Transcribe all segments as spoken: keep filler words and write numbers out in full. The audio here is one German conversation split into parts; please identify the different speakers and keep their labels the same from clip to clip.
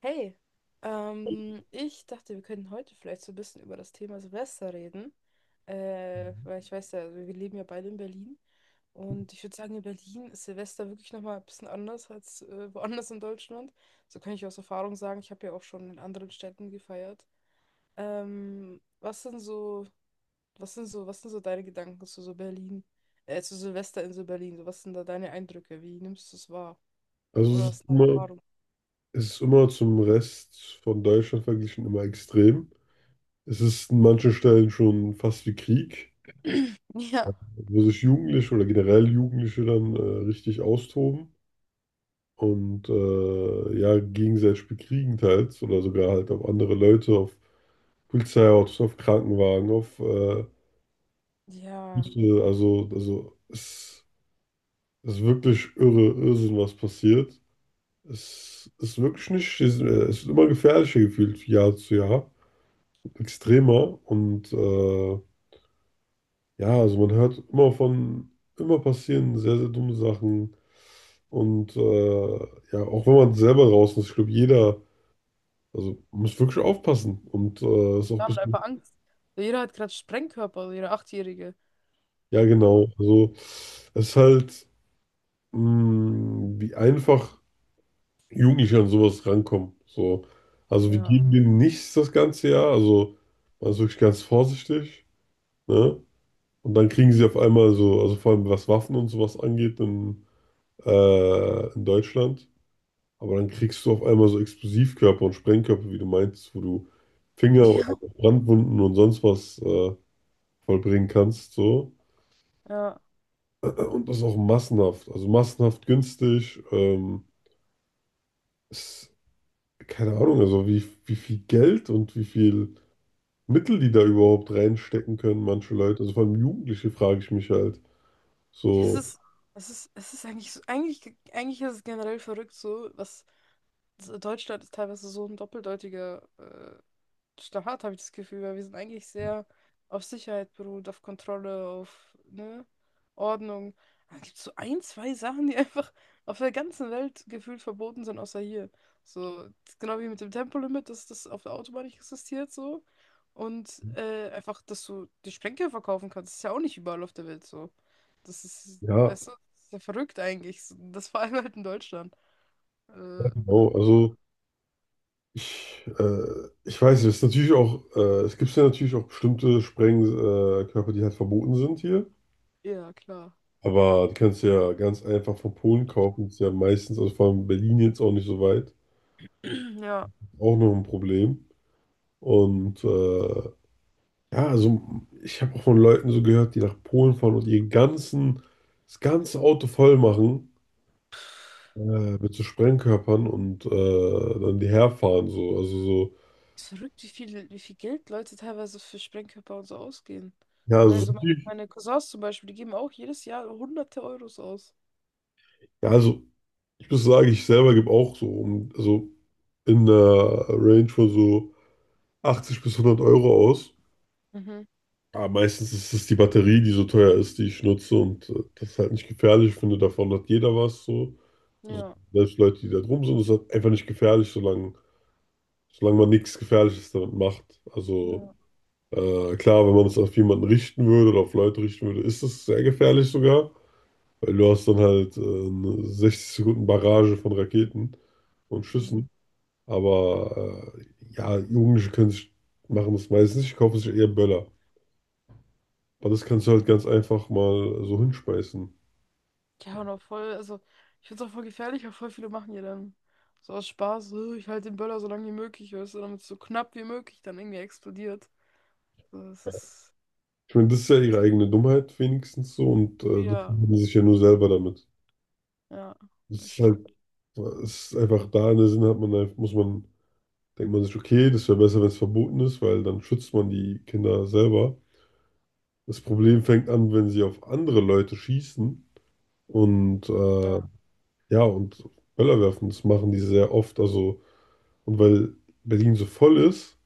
Speaker 1: Hey, ähm, ich dachte, wir könnten heute vielleicht so ein bisschen über das Thema Silvester reden. Äh,
Speaker 2: Mhm.
Speaker 1: weil ich weiß ja, also wir leben ja beide in Berlin. Und ich würde sagen, in Berlin ist Silvester wirklich nochmal ein bisschen anders als äh, woanders in Deutschland. So kann ich aus Erfahrung sagen, ich habe ja auch schon in anderen Städten gefeiert. Ähm, was sind so, was sind so, was sind so deine Gedanken zu so Berlin, äh, zu Silvester in so Berlin? So, was sind da deine Eindrücke? Wie nimmst du es wahr?
Speaker 2: Also es
Speaker 1: Oder
Speaker 2: ist
Speaker 1: was ist deine
Speaker 2: immer,
Speaker 1: Erfahrung?
Speaker 2: es ist immer zum Rest von Deutschland verglichen immer extrem. Es ist an manchen Stellen schon fast wie Krieg,
Speaker 1: Ja.
Speaker 2: wo sich Jugendliche oder generell Jugendliche dann äh, richtig austoben und äh, ja, gegenseitig bekriegen teils oder sogar halt auf andere Leute, auf Polizeiautos, auf Krankenwagen, auf äh,
Speaker 1: Ja.
Speaker 2: Busse. also, also es ist wirklich irre, Irrsinn, was passiert. Es ist wirklich nicht, es ist immer gefährlicher gefühlt, Jahr zu Jahr, extremer und äh, ja, also man hört immer von, immer passieren sehr, sehr dumme Sachen und äh, ja, auch wenn man selber draußen ist, ich glaube, jeder, also man muss wirklich aufpassen und äh, ist auch ein
Speaker 1: Wir haben
Speaker 2: bisschen,
Speaker 1: einfach Angst. Jeder hat gerade Sprengkörper, also jeder Achtjährige.
Speaker 2: ja
Speaker 1: Also,
Speaker 2: genau, also es ist halt, mh, wie einfach Jugendliche an sowas rankommen, so, also wir
Speaker 1: ja.
Speaker 2: geben denen nichts das ganze Jahr, also man ist wirklich ganz vorsichtig. Ne? Und dann kriegen sie auf einmal so, also vor allem was Waffen und sowas angeht in, äh, in Deutschland, aber dann kriegst du auf einmal so Explosivkörper und Sprengkörper, wie du meinst, wo du Finger oder Brandwunden und sonst was äh, vollbringen kannst. So.
Speaker 1: Ja, ja.
Speaker 2: Und das auch massenhaft, also massenhaft günstig. Ähm, ist, keine Ahnung, also wie, wie viel Geld und wie viel Mittel die da überhaupt reinstecken können, manche Leute. Also vor allem Jugendliche frage ich mich halt.
Speaker 1: Es
Speaker 2: So,
Speaker 1: ist, es ist, es ist eigentlich so, eigentlich, eigentlich ist es generell verrückt so, was so, Deutschland ist teilweise so ein doppeldeutiger äh, starr, habe ich das Gefühl, weil wir sind eigentlich sehr auf Sicherheit beruht, auf Kontrolle, auf, ne, Ordnung. Aber es so ein, zwei Sachen, die einfach auf der ganzen Welt gefühlt verboten sind, außer hier. So, genau wie mit dem Tempolimit, dass das auf der Autobahn nicht existiert, so. Und äh, einfach, dass du die Sprengstoff verkaufen kannst, ist ja auch nicht überall auf der Welt so. Das ist,
Speaker 2: ja,
Speaker 1: weißt du, das ist ja verrückt eigentlich. Das vor allem halt in Deutschland.
Speaker 2: I
Speaker 1: Äh,
Speaker 2: don't know. Also. Ich, äh, ich weiß nicht, es ist natürlich auch, äh, es gibt ja natürlich auch bestimmte Sprengkörper, äh, Körper, die halt verboten sind hier.
Speaker 1: ja, klar.
Speaker 2: Aber die kannst du ja ganz einfach von Polen kaufen. Ist ja meistens, also vor allem Berlin jetzt auch nicht so weit.
Speaker 1: Ja.
Speaker 2: Auch noch ein Problem. Und äh, ja, also ich habe auch von Leuten so gehört, die nach Polen fahren und ihr ganzen, das ganze Auto voll machen äh, mit so Sprengkörpern und äh, dann die herfahren. So. Also so,
Speaker 1: Ist verrückt, wie viel, wie viel Geld Leute teilweise für Sprengkörper und so ausgeben.
Speaker 2: ja,
Speaker 1: Ich meine, so
Speaker 2: also,
Speaker 1: meine, meine Cousins zum Beispiel, die geben auch jedes Jahr hunderte Euros aus.
Speaker 2: ja, also ich muss sagen, ich selber gebe auch so, um, also in der Range von so achtzig bis hundert Euro aus.
Speaker 1: Mhm.
Speaker 2: Aber meistens ist es die Batterie, die so teuer ist, die ich nutze und äh, das ist halt nicht gefährlich. Ich finde, davon hat jeder was so. Also
Speaker 1: Ja.
Speaker 2: selbst Leute, die da drum sind, ist halt einfach nicht gefährlich, solange, solange man nichts Gefährliches damit macht. Also
Speaker 1: Ja.
Speaker 2: äh, klar, wenn man es auf jemanden richten würde oder auf Leute richten würde, ist es sehr gefährlich sogar, weil du hast dann halt äh, eine sechzig Sekunden Barrage von Raketen und
Speaker 1: Mhm.
Speaker 2: Schüssen. Aber äh, ja, Jugendliche können sich, machen das meistens nicht, die kaufen sich eher Böller. Aber das kannst du halt ganz einfach mal so hinschmeißen.
Speaker 1: Ja, und auch voll, also ich finde es auch voll gefährlich, auch voll viele machen ja dann so aus Spaß, so, ich halte den Böller so lange wie möglich, weißt du, damit es so knapp wie möglich dann irgendwie explodiert. So, das ist,
Speaker 2: Ich meine, das ist ja ihre eigene Dummheit wenigstens so und äh, das
Speaker 1: ja,
Speaker 2: machen sie sich ja nur selber damit.
Speaker 1: ja,
Speaker 2: Das
Speaker 1: das
Speaker 2: ist halt,
Speaker 1: stimmt.
Speaker 2: es ist einfach da in der Sinne hat man, einfach- muss man, denkt man sich, okay, das wäre besser, wenn es verboten ist, weil dann schützt man die Kinder selber. Das Problem fängt an, wenn sie auf andere Leute schießen und äh,
Speaker 1: Ja.
Speaker 2: ja, und Böller werfen, das machen die sehr oft. Also. Und weil Berlin so voll ist,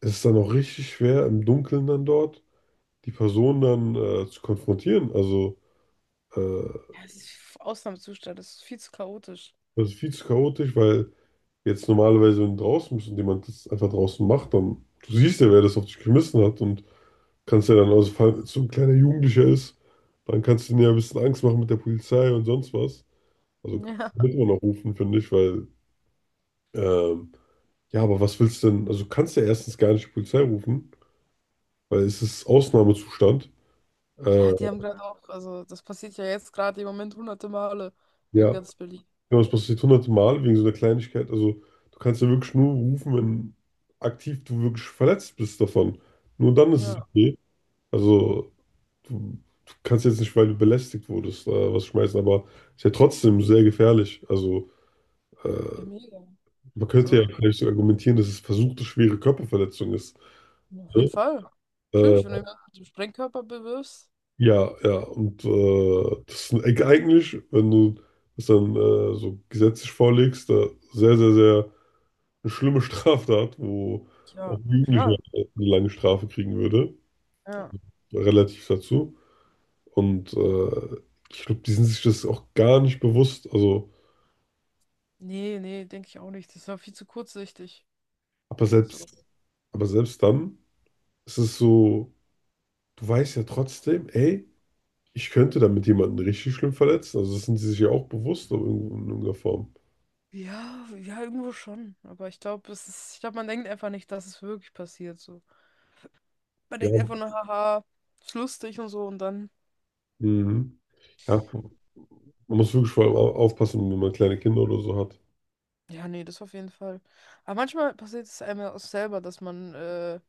Speaker 2: ist es dann auch richtig schwer, im Dunkeln dann dort die Person dann äh, zu konfrontieren. Also äh,
Speaker 1: Ja, es ist Ausnahmezustand, es ist viel zu chaotisch.
Speaker 2: das ist viel zu chaotisch, weil jetzt normalerweise, wenn du draußen bist und jemand das einfach draußen macht, dann du siehst ja, wer das auf dich geschmissen hat und kannst ja dann, also falls so ein kleiner Jugendlicher ist, dann kannst du dir ja ein bisschen Angst machen mit der Polizei und sonst was. Also
Speaker 1: Ja.
Speaker 2: muss man auch rufen, finde ich, weil ähm, ja, aber was willst du denn? Also kannst du ja erstens gar nicht die Polizei rufen, weil es ist Ausnahmezustand. Äh,
Speaker 1: Ja, die haben gerade auch, also das passiert ja jetzt gerade im Moment hunderte Male in
Speaker 2: ja,
Speaker 1: ganz Berlin.
Speaker 2: genau, das passiert hunderte Mal wegen so einer Kleinigkeit. Also, du kannst ja wirklich nur rufen, wenn aktiv du wirklich verletzt bist davon. Nur dann ist es
Speaker 1: Ja,
Speaker 2: okay. Also, du, du kannst jetzt nicht, weil du belästigt wurdest, äh, was schmeißen, aber ist ja trotzdem sehr gefährlich. Also, äh,
Speaker 1: ja, mega.
Speaker 2: man könnte ja
Speaker 1: So,
Speaker 2: vielleicht so argumentieren, dass es versuchte schwere Körperverletzung ist.
Speaker 1: ja, auf jeden
Speaker 2: Ne?
Speaker 1: Fall.
Speaker 2: Äh,
Speaker 1: Natürlich, wenn du jemanden mit dem Sprengkörper bewirbst.
Speaker 2: ja, ja, und äh, das ist eigentlich, wenn du das dann äh, so gesetzlich vorlegst, äh, sehr, sehr, sehr eine schlimme Straftat, wo auch
Speaker 1: Ja,
Speaker 2: ein Jugendlicher
Speaker 1: klar.
Speaker 2: eine lange Strafe kriegen würde,
Speaker 1: Ja.
Speaker 2: relativ dazu. Und äh, ich glaube, die sind sich das auch gar nicht bewusst. Also,
Speaker 1: Nee, nee, denke ich auch nicht. Das ist ja viel zu kurzsichtig.
Speaker 2: aber
Speaker 1: So.
Speaker 2: selbst, aber selbst dann ist es so, du weißt ja trotzdem, ey, ich könnte damit jemanden richtig schlimm verletzen. Also, das sind sie sich ja auch bewusst in irgendeiner Form.
Speaker 1: Ja, ja, irgendwo schon. Aber ich glaube, es ist, ich glaube, man denkt einfach nicht, dass es wirklich passiert. So. Man
Speaker 2: Ja,
Speaker 1: denkt einfach nur, haha, ist lustig und so und dann.
Speaker 2: mhm. Ja, man muss wirklich vor allem au- aufpassen, wenn man kleine Kinder oder so hat.
Speaker 1: Ja, nee, das auf jeden Fall. Aber manchmal passiert es einem ja auch selber, dass man, äh,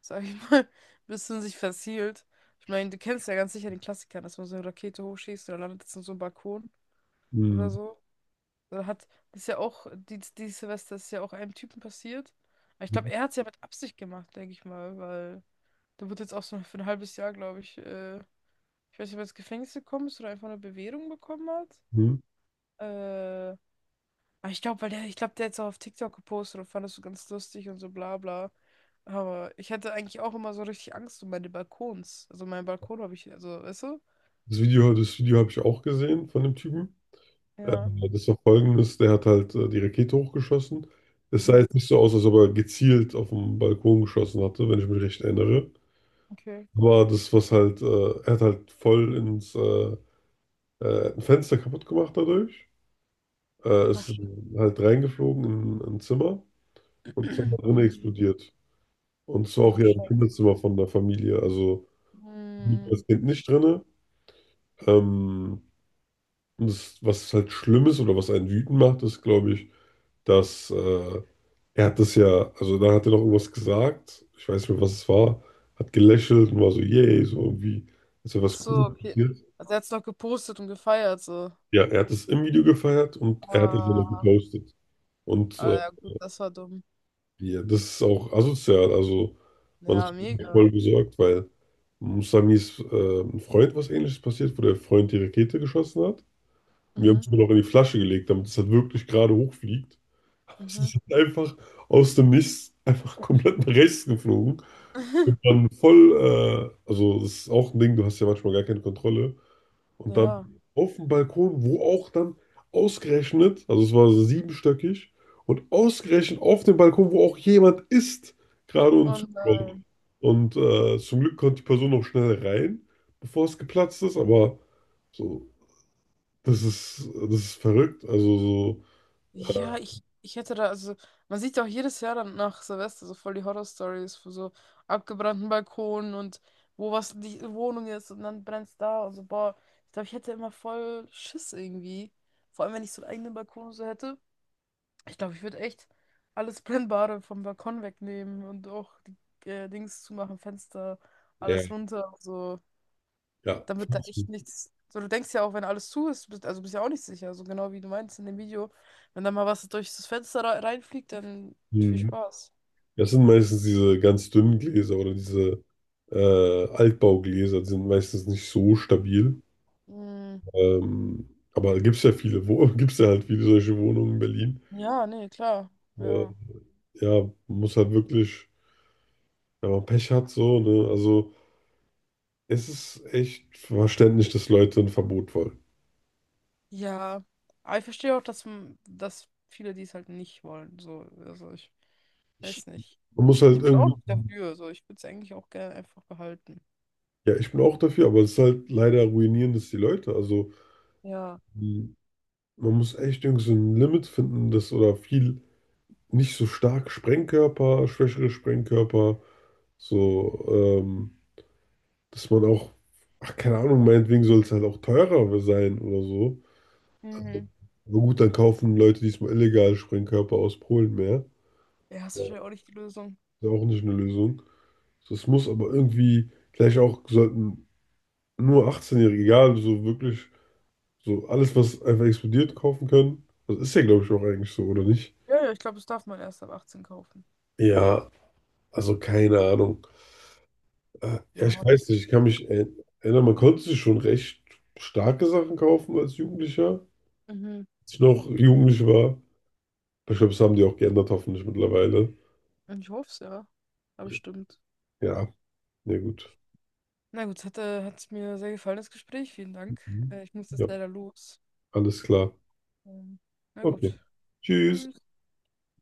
Speaker 1: sag ich mal, ein bisschen sich verzielt. Ich meine, du kennst ja ganz sicher den Klassiker, dass man so eine Rakete hochschießt oder landet jetzt in so einem Balkon oder
Speaker 2: Mhm.
Speaker 1: so. Oder hat, das ist ja auch, die, die Silvester ist ja auch einem Typen passiert. Aber ich glaube, er hat es ja mit Absicht gemacht, denke ich mal, weil der wird jetzt auch so für ein halbes Jahr, glaube ich, äh, ich weiß nicht, ob er ins Gefängnis gekommen ist oder einfach eine Bewährung bekommen hat.
Speaker 2: Mhm.
Speaker 1: Äh, Aber ich glaube, weil der, ich glaube, der hat es auch auf TikTok gepostet und fand das so ganz lustig und so bla bla. Aber ich hatte eigentlich auch immer so richtig Angst um meine Balkons. Also meinen Balkon habe ich, also, weißt du?
Speaker 2: Das Video, das Video habe ich auch gesehen von dem Typen. Äh,
Speaker 1: Ja.
Speaker 2: Das war folgendes, der hat halt äh, die Rakete hochgeschossen. Es sah
Speaker 1: Mhm.
Speaker 2: jetzt nicht so aus, als ob er gezielt auf den Balkon geschossen hatte, wenn ich mich recht erinnere.
Speaker 1: Okay.
Speaker 2: Aber das, was halt, äh, er hat halt voll ins äh, äh, ein Fenster kaputt gemacht dadurch. Äh,
Speaker 1: Ach,
Speaker 2: ist
Speaker 1: shit.
Speaker 2: halt reingeflogen in ein Zimmer und ist dann da drin
Speaker 1: Mhm.
Speaker 2: explodiert. Und es war auch
Speaker 1: Ach,
Speaker 2: ja ein
Speaker 1: shit.
Speaker 2: Kinderzimmer von der Familie, also
Speaker 1: Hm.
Speaker 2: das Kind nicht drin. Ähm, und das, was halt schlimm ist oder was einen wütend macht, ist, glaube ich, dass äh, er hat das ja, also da hat er noch irgendwas gesagt, ich weiß nicht mehr, was es war, hat gelächelt und war so, yay, so irgendwie, ist ja
Speaker 1: Ach
Speaker 2: was
Speaker 1: so,
Speaker 2: Cooles
Speaker 1: okay.
Speaker 2: passiert.
Speaker 1: Also er hat es noch gepostet und gefeiert, so.
Speaker 2: Ja, er hat es im Video gefeiert und er hat es dann noch
Speaker 1: Ah,
Speaker 2: gepostet. Und
Speaker 1: ah,
Speaker 2: äh,
Speaker 1: ja, gut, das war dumm.
Speaker 2: ja, das ist auch asozial, also man
Speaker 1: Ja,
Speaker 2: ist
Speaker 1: mega.
Speaker 2: voll besorgt, weil Musamis äh, ein Freund was Ähnliches passiert, wo der Freund die Rakete geschossen hat. Wir haben
Speaker 1: Mhm.
Speaker 2: es nur noch in die Flasche gelegt, damit es halt wirklich gerade hochfliegt. Es
Speaker 1: Mhm.
Speaker 2: ist halt einfach aus dem Nichts einfach komplett nach rechts geflogen. Und dann voll, äh, also das ist auch ein Ding, du hast ja manchmal gar keine Kontrolle. Und dann
Speaker 1: Ja.
Speaker 2: auf dem Balkon, wo auch dann ausgerechnet, also es war so siebenstöckig, und ausgerechnet auf dem Balkon, wo auch jemand ist, gerade und
Speaker 1: Und
Speaker 2: zuschaut.
Speaker 1: nein.
Speaker 2: Und äh, zum Glück konnte die Person noch schnell rein, bevor es geplatzt ist, aber so, das ist, das ist verrückt. Also so, äh,
Speaker 1: Ja, ich, ich hätte da, also, man sieht ja auch jedes Jahr dann nach Silvester so voll die Horror-Stories von so abgebrannten Balkonen und wo was die Wohnung ist und dann brennt's da und so, boah, ich glaube, ich hätte immer voll Schiss irgendwie. Vor allem, wenn ich so einen eigenen Balkon und so hätte. Ich glaube, ich würde echt alles Brennbare vom Balkon wegnehmen und auch die äh, Dings zumachen, Fenster,
Speaker 2: ja,
Speaker 1: alles runter, und so.
Speaker 2: ja.
Speaker 1: Dann wird da echt nichts. So, du denkst ja auch, wenn alles zu ist, bist, also bist ja auch nicht sicher. So genau wie du meinst in dem Video. Wenn da mal was durch das Fenster rei- reinfliegt, dann viel
Speaker 2: Hm.
Speaker 1: Spaß.
Speaker 2: Das sind meistens diese ganz dünnen Gläser oder diese äh, Altbaugläser, die sind meistens nicht so stabil.
Speaker 1: Mm,
Speaker 2: Ähm, aber gibt es ja viele, wo gibt es ja halt viele solche Wohnungen in Berlin.
Speaker 1: ja, nee, klar.
Speaker 2: Äh,
Speaker 1: Ja.
Speaker 2: ja, man muss halt wirklich, wenn man Pech hat, so, ne? Also es ist echt verständlich, dass Leute ein Verbot wollen.
Speaker 1: Ja. Aber ich verstehe auch, dass, m- dass viele dies halt nicht wollen. So, also ich
Speaker 2: Ich,
Speaker 1: weiß nicht.
Speaker 2: Man muss halt
Speaker 1: Ich bin auch
Speaker 2: irgendwie,
Speaker 1: nicht dafür. So, ich würde es eigentlich auch gerne einfach behalten.
Speaker 2: ja, ich bin auch dafür, aber es ist halt leider ruinierend, dass die Leute, also
Speaker 1: Ja.
Speaker 2: mh, man muss echt irgendwie so ein Limit finden, das oder viel nicht so stark Sprengkörper, schwächere Sprengkörper, so, ähm, dass man auch, ach, keine Ahnung, meinetwegen soll es halt auch teurer sein oder so.
Speaker 1: Mhm.
Speaker 2: Aber gut, dann kaufen Leute diesmal illegal Sprengkörper aus Polen mehr.
Speaker 1: Ja, ist
Speaker 2: Ist
Speaker 1: wahrscheinlich auch nicht die Lösung.
Speaker 2: ja auch nicht eine Lösung. Das muss aber irgendwie, vielleicht auch sollten nur achtzehnjährige-Jährige, egal, so wirklich, so alles, was einfach explodiert, kaufen können. Das ist ja, glaube ich, auch eigentlich so, oder nicht?
Speaker 1: Ja, ja, ich glaube, das darf man erst ab achtzehn kaufen.
Speaker 2: Ja, also keine Ahnung. Ah, ja, ich
Speaker 1: Ja.
Speaker 2: weiß nicht, ich kann mich er- erinnern, man konnte sich schon recht starke Sachen kaufen als Jugendlicher,
Speaker 1: Mhm.
Speaker 2: als ich noch jugendlich war. Aber ich glaube, das haben die auch geändert, hoffentlich mittlerweile.
Speaker 1: Ich hoffe es, ja. Aber stimmt.
Speaker 2: Ja, na gut.
Speaker 1: Na gut, hat, äh, hat mir sehr gefallen, das Gespräch. Vielen Dank.
Speaker 2: Mhm.
Speaker 1: Äh, ich muss
Speaker 2: Ja,
Speaker 1: jetzt leider los.
Speaker 2: alles klar.
Speaker 1: Ähm, na
Speaker 2: Okay.
Speaker 1: gut.
Speaker 2: Tschüss.
Speaker 1: Tschüss.